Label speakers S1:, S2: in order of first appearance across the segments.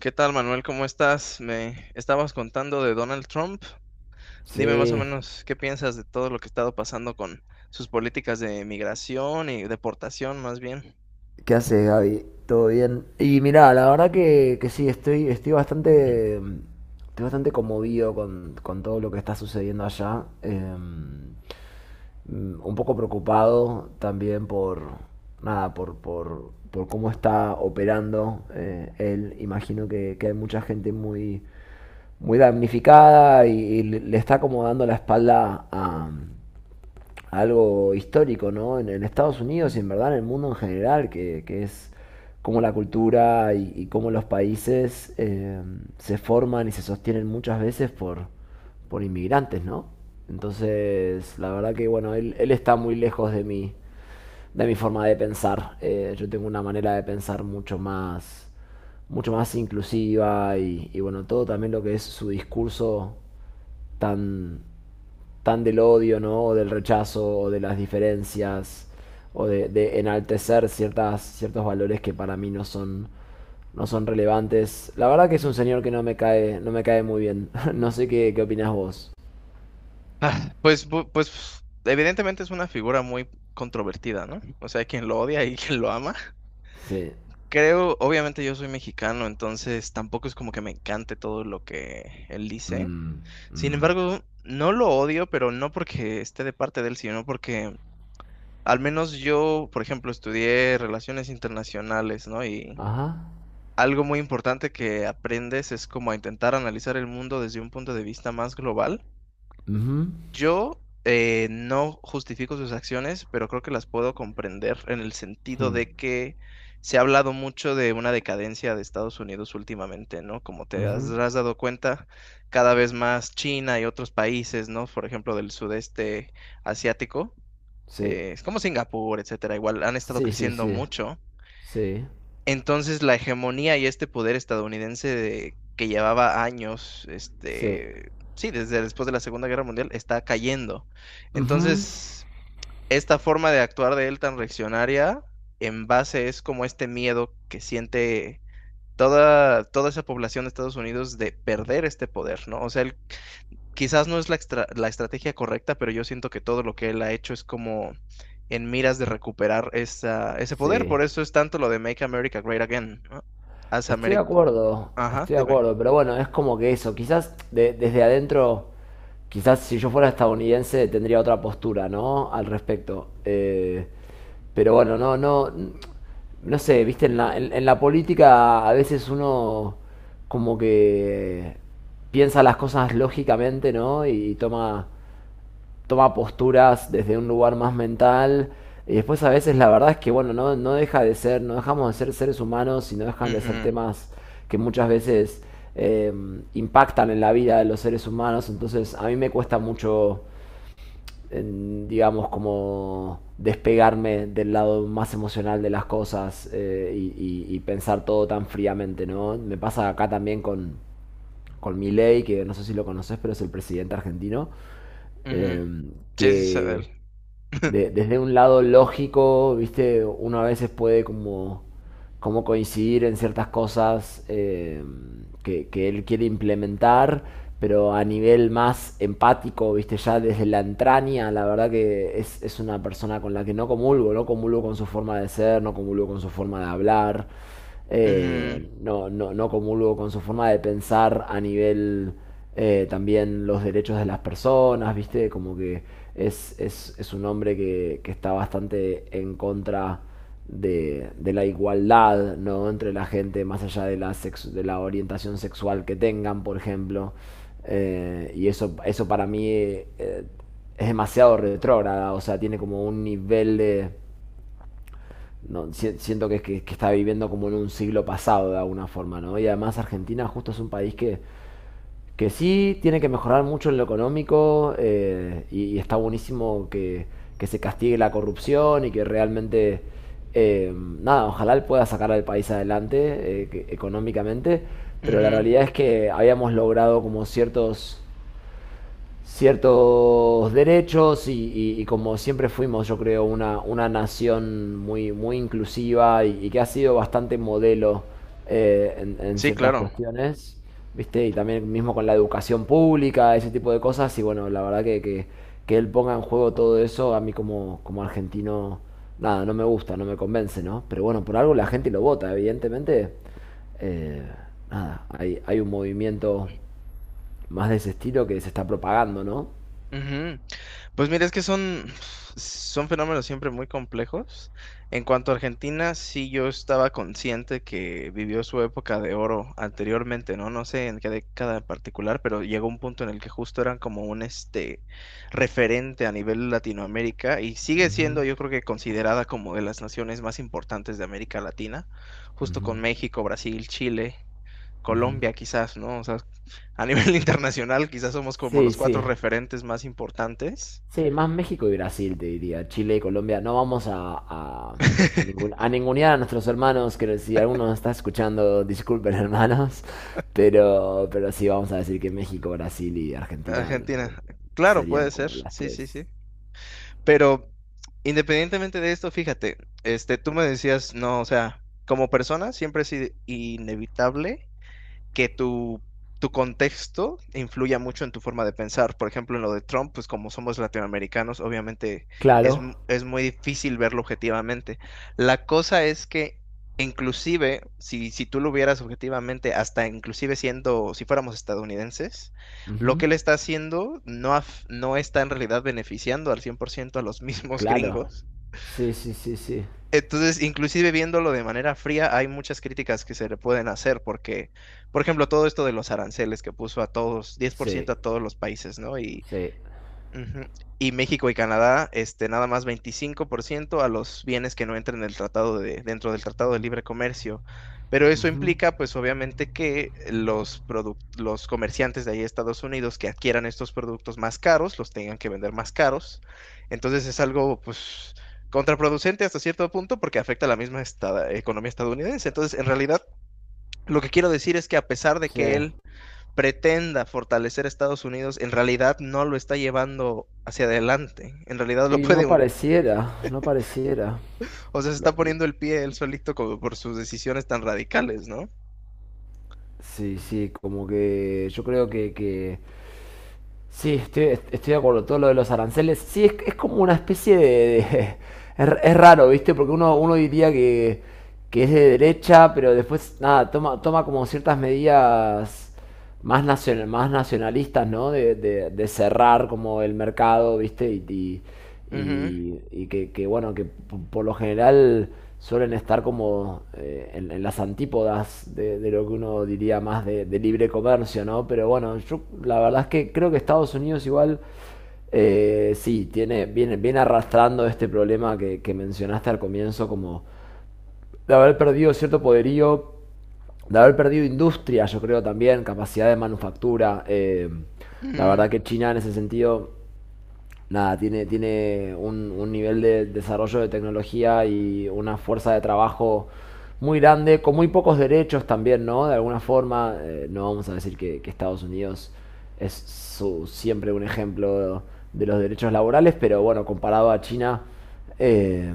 S1: ¿Qué tal, Manuel? ¿Cómo estás? Me estabas contando de Donald Trump. Dime más o
S2: Sí.
S1: menos qué piensas de todo lo que ha estado pasando con sus políticas de migración y deportación, más bien.
S2: ¿Qué haces, Gaby? ¿Todo bien? Y mirá, la verdad que sí, estoy bastante conmovido con todo lo que está sucediendo allá. Un poco preocupado también nada, por cómo está operando él. Imagino que hay mucha gente muy, muy damnificada y le está como dando la espalda a algo histórico, ¿no? En Estados Unidos y en verdad en el mundo en general, que es cómo la cultura y cómo los países se forman y se sostienen muchas veces por inmigrantes, ¿no? Entonces, la verdad que, bueno, él está muy lejos de mi forma de pensar. Yo tengo una manera de pensar mucho más inclusiva y, bueno, todo también lo que es su discurso tan tan del odio, ¿no? O del rechazo, o de las diferencias, o de enaltecer ciertas, ciertos valores que para mí no son relevantes. La verdad que es un señor que no me cae muy bien. No sé qué opinás vos.
S1: Ah, pues, pues evidentemente es una figura muy controvertida, ¿no? O sea, hay quien lo odia y quien lo ama.
S2: Sí.
S1: Creo, obviamente yo soy mexicano, entonces tampoco es como que me encante todo lo que él dice.
S2: Mm,
S1: Sin
S2: mm.
S1: embargo, no lo odio, pero no porque esté de parte de él, sino porque al menos yo, por ejemplo, estudié relaciones internacionales, ¿no? Y
S2: Ajá.
S1: algo muy importante que aprendes es como a intentar analizar el mundo desde un punto de vista más global.
S2: Mhm.
S1: Yo no justifico sus acciones, pero creo que las puedo comprender en el sentido
S2: Hmm.
S1: de que se ha hablado mucho de una decadencia de Estados Unidos últimamente, ¿no? Como te has
S2: Mhm.
S1: has dado cuenta, cada vez más China y otros países, ¿no? Por ejemplo, del sudeste asiático
S2: Sí.
S1: es como Singapur, etcétera, igual han estado
S2: Sí, sí,
S1: creciendo
S2: sí.
S1: mucho.
S2: Sí.
S1: Entonces, la hegemonía y este poder estadounidense que llevaba años,
S2: Sí.
S1: este, sí, desde después de la Segunda Guerra Mundial, está cayendo.
S2: Mhm.
S1: Entonces, esta forma de actuar de él tan reaccionaria, en base es como este miedo que siente toda esa población de Estados Unidos de perder este poder, ¿no? O sea, él quizás no es la estrategia correcta, pero yo siento que todo lo que él ha hecho es como en miras de recuperar ese poder.
S2: Sí.
S1: Por eso es tanto lo de Make America Great Again, ¿no? Haz Ameri- Ajá,
S2: Estoy de
S1: dime.
S2: acuerdo, pero bueno, es como que eso, quizás desde adentro, quizás si yo fuera estadounidense tendría otra postura, ¿no? Al respecto. Pero bueno, no, no, no sé, viste, en la política a veces uno como que piensa las cosas lógicamente, ¿no? Y toma posturas desde un lugar más mental. Y después a veces la verdad es que, bueno, no, no deja de ser, no dejamos de ser seres humanos y no dejan de ser
S1: Ujú,
S2: temas que muchas veces eh, impactan en la vida de los seres humanos. Entonces a mí me cuesta mucho, digamos, como despegarme del lado más emocional de las cosas y pensar todo tan fríamente, ¿no? Me pasa acá también con Milei, que no sé si lo conoces, pero es el presidente argentino.
S1: ujú.
S2: eh,
S1: Sí, sí, sé de
S2: que
S1: él.
S2: Desde un lado lógico, viste, uno a veces puede como coincidir en ciertas cosas que él quiere implementar, pero a nivel más empático, viste, ya desde la entraña, la verdad que es una persona con la que no comulgo, no comulgo con su forma de ser, no comulgo con su forma de hablar
S1: Ujú,
S2: no, no, no comulgo con su forma de pensar a nivel también los derechos de las personas, ¿viste? Como que es un hombre que está bastante en contra de la igualdad, ¿no? Entre la gente, más allá de la orientación sexual que tengan, por ejemplo. Y eso para mí es demasiado retrógrada, o sea, tiene como un nivel de no, siento que está viviendo como en un siglo pasado de alguna forma, ¿no? Y además Argentina justo es un país que sí tiene que mejorar mucho en lo económico y está buenísimo que se castigue la corrupción y que realmente, nada, ojalá él pueda sacar al país adelante económicamente, pero la
S1: ujú.
S2: realidad es que habíamos logrado como ciertos derechos y como siempre fuimos, yo creo, una nación muy, muy inclusiva y que ha sido bastante modelo en
S1: Sí,
S2: ciertas
S1: claro.
S2: cuestiones, ¿viste? Y también mismo con la educación pública, ese tipo de cosas, y bueno, la verdad que él ponga en juego todo eso, a mí como argentino, nada, no me gusta, no me convence, ¿no? Pero bueno, por algo la gente lo vota, evidentemente. eh, Nada, hay un movimiento más de ese estilo que se está propagando, ¿no?
S1: Ujú. Pues mira, son fenómenos siempre muy complejos. En cuanto a Argentina, sí yo estaba consciente que vivió su época de oro anteriormente, ¿no? No sé en qué década en particular, pero llegó un punto en el que justo eran como un este referente a nivel Latinoamérica y sigue siendo,
S2: Ujú,
S1: yo creo que considerada como de las naciones más importantes de América Latina, justo
S2: ujú,
S1: con México, Brasil, Chile,
S2: ujú.
S1: Colombia quizás, ¿no? O sea, a nivel internacional quizás somos como
S2: Sí,
S1: los cuatro
S2: sí.
S1: referentes más importantes.
S2: Sí, más México y Brasil, te diría. Chile y Colombia. No vamos a ningunear a nuestros hermanos, que si alguno nos está escuchando, disculpen hermanos. Pero sí vamos a decir que México, Brasil y Argentina
S1: Argentina. Claro, puede
S2: serían
S1: ser.
S2: como las
S1: Sí,
S2: tres.
S1: sí, sí. Pero independientemente de esto, fíjate, este, tú me decías, no, o sea, como persona siempre es inevitable que tu contexto influya mucho en tu forma de pensar. Por ejemplo, en lo de Trump, pues como somos latinoamericanos, obviamente
S2: Claro.
S1: es muy difícil verlo objetivamente. La cosa es que inclusive, si tú lo vieras objetivamente, hasta inclusive siendo, si fuéramos estadounidenses, lo
S2: Ujú.
S1: que él está haciendo no está en realidad beneficiando al 100% a los mismos
S2: Claro.
S1: gringos.
S2: Sí, sí, sí, sí.
S1: Entonces, inclusive viéndolo de manera fría, hay muchas críticas que se le pueden hacer porque, por ejemplo, todo esto de los aranceles que puso a todos, diez por
S2: Sí,
S1: ciento a todos los países, ¿no? Y
S2: sí.
S1: ujú. Y México y Canadá, este, nada más 25% a los bienes que no entren en el tratado de, dentro del Tratado de Libre Comercio. Pero eso
S2: Ujú.
S1: implica, pues obviamente, que los comerciantes de ahí de Estados Unidos que adquieran estos productos más caros, los tengan que vender más caros. Entonces es algo, pues, contraproducente hasta cierto punto porque afecta a la misma economía estadounidense. Entonces, en realidad, lo que quiero decir es que a pesar de que
S2: Sí.
S1: él pretenda fortalecer a Estados Unidos, en realidad no lo está llevando hacia adelante. En realidad lo
S2: Y no
S1: puede,
S2: pareciera, no pareciera.
S1: o sea, se está poniendo el pie él solito como por sus decisiones tan radicales, ¿no?
S2: Sí, sí, como que yo creo sí, estoy de acuerdo, todo lo de los aranceles, sí, es como una especie de. Es raro, ¿viste? Porque uno diría que es de derecha, pero después, nada, toma como ciertas medidas más nacionalistas, ¿no? De cerrar como el mercado, ¿viste? Y, y-
S1: Ujú,
S2: y, y que, bueno, por lo general suelen estar como en las antípodas de lo que uno diría más de libre comercio, ¿no? Pero bueno, yo la verdad es que creo que Estados Unidos igual sí, tiene, viene arrastrando este problema que mencionaste al comienzo, como de haber perdido cierto poderío, de haber perdido industria, yo creo también, capacidad de manufactura. La
S1: ujú,
S2: verdad que China en ese sentido nada, tiene un nivel de desarrollo de tecnología y una fuerza de trabajo muy grande, con muy pocos derechos también, ¿no? De alguna forma, no vamos a decir que Estados Unidos es siempre un ejemplo de los derechos laborales, pero bueno, comparado a China, eh,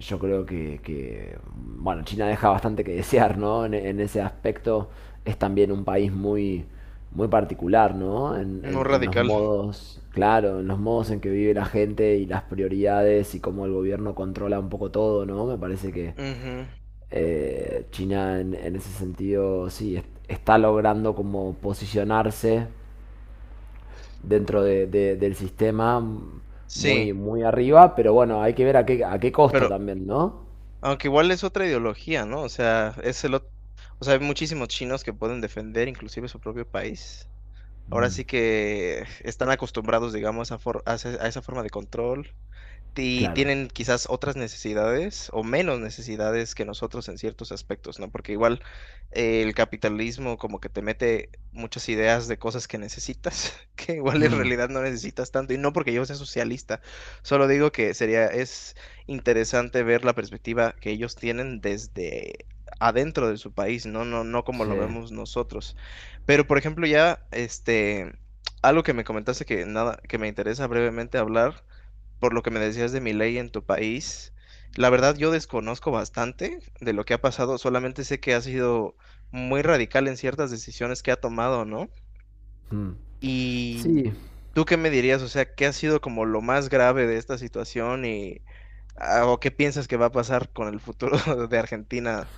S2: yo creo que, bueno, China deja bastante que desear, ¿no? En ese aspecto es también un país muy, muy particular, ¿no? En,
S1: no
S2: en- en los
S1: radical.
S2: modos, claro, en los modos en que vive la gente y las prioridades y cómo el gobierno controla un poco todo, ¿no? Me parece que
S1: Ujú,
S2: China en ese sentido, sí, está logrando como posicionarse dentro del sistema muy,
S1: sí,
S2: muy arriba, pero bueno, hay que ver a qué costo
S1: pero
S2: también, ¿no?
S1: aunque igual es otra ideología, ¿no? O sea, o sea, hay muchísimos chinos que pueden defender inclusive su propio país. Ahora
S2: Mm,
S1: sí que están acostumbrados, digamos, a a esa forma de control. Y
S2: claro.
S1: tienen quizás otras necesidades o menos necesidades que nosotros en ciertos aspectos, ¿no? Porque igual el capitalismo como que te mete muchas ideas de cosas que necesitas, que igual en
S2: Mm,
S1: realidad no necesitas tanto, y no porque yo sea socialista, solo digo que es interesante ver la perspectiva que ellos tienen desde adentro de su país, no, no como lo
S2: sí.
S1: vemos nosotros. Pero, por ejemplo, ya, este, algo que me comentaste que nada, que me interesa brevemente hablar por lo que me decías de mi ley en tu país, la verdad yo desconozco bastante de lo que ha pasado, solamente sé que ha sido muy radical en ciertas decisiones que ha tomado, ¿no?
S2: Mm.
S1: Y
S2: Sí,
S1: tú qué me dirías, o sea, ¿qué ha sido como lo más grave de esta situación y o qué piensas que va a pasar con el futuro de Argentina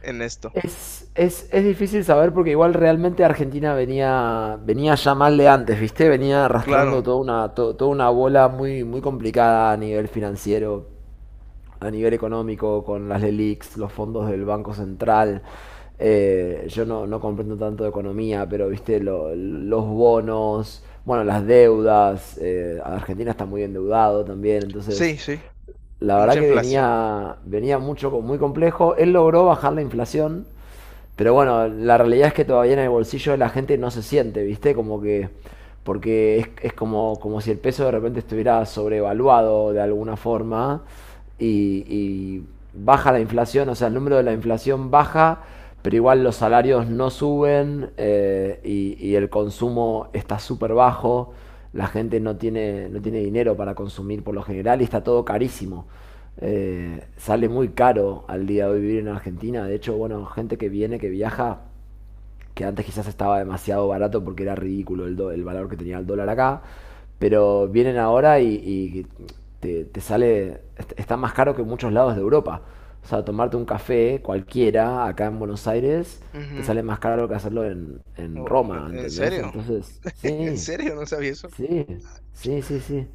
S1: en esto?
S2: es difícil saber porque igual realmente Argentina venía ya mal de antes, ¿viste? Venía arrastrando
S1: Claro,
S2: toda una bola muy, muy complicada a nivel financiero, a nivel económico, con las LELIQs, los fondos del Banco Central. Yo no, no comprendo tanto de economía, pero viste, los bonos, bueno, las deudas, Argentina está muy endeudado también,
S1: sí,
S2: entonces
S1: sí,
S2: la verdad
S1: mucha
S2: que
S1: inflación.
S2: venía mucho, muy complejo. Él logró bajar la inflación, pero bueno, la realidad es que todavía en el bolsillo de la gente no se siente, ¿viste? Como que porque es como si el peso de repente estuviera sobrevaluado de alguna forma y baja la inflación, o sea, el número de la inflación baja, pero igual los salarios no suben y el consumo está súper bajo, la gente no tiene dinero para consumir por lo general y está todo carísimo. Sale muy caro al día de hoy vivir en Argentina, de hecho, bueno, gente que viene, que viaja, que antes quizás estaba demasiado barato porque era ridículo el valor que tenía el dólar acá, pero vienen ahora y te sale, está más caro que en muchos lados de Europa. O sea, tomarte un café cualquiera acá en Buenos Aires te
S1: Ujú.
S2: sale más caro que hacerlo en
S1: Oh,
S2: Roma,
S1: ¿en
S2: ¿entendés?
S1: serio?
S2: Entonces,
S1: ¿En
S2: sí.
S1: serio? No sabía eso.
S2: Sí, sí, sí, sí.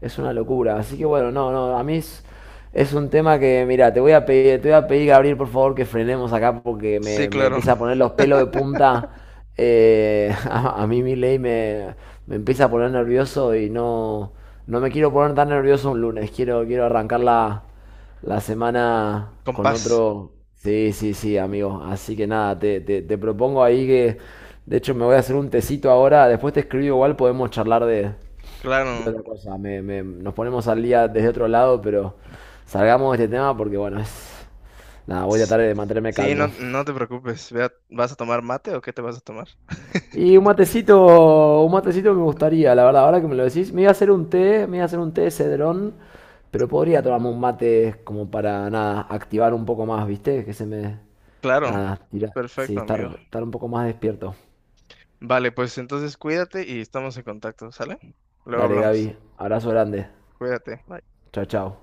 S2: Es una locura. Así que bueno, no, no, a mí es un tema que, mira, te voy a pedir, te voy a pedir, Gabriel, por favor, que frenemos acá porque
S1: Sí,
S2: me
S1: claro,
S2: empieza a poner los pelos de punta. A mí Milei me empieza a poner nervioso y no, no me quiero poner tan nervioso un lunes. Quiero arrancarla la semana
S1: con
S2: con
S1: paz,
S2: otro. Sí, sí, sí, amigo. Así que nada, te propongo ahí que. De hecho, me voy a hacer un tecito ahora. Después te escribo igual, podemos charlar de
S1: claro.
S2: otra cosa. Nos ponemos al día desde otro lado, pero salgamos de este tema porque, bueno, es. Nada, voy a tratar de mantenerme
S1: Sí, no,
S2: calmo.
S1: no te preocupes. Vea, ¿vas a tomar mate o qué te vas a tomar?
S2: Y un matecito me gustaría, la verdad, ahora que me lo decís, me iba a hacer un té, me iba a hacer un té de cedrón, pero podría tomarme un mate como para nada, activar un poco más, ¿viste? Que se me
S1: Claro,
S2: nada, tirar, sí,
S1: perfecto, amigo.
S2: estar un poco más despierto.
S1: Vale, pues entonces cuídate y estamos en contacto, ¿sale? Luego
S2: Dale,
S1: hablamos.
S2: Gaby, abrazo grande.
S1: Cuídate.
S2: Chao, chao.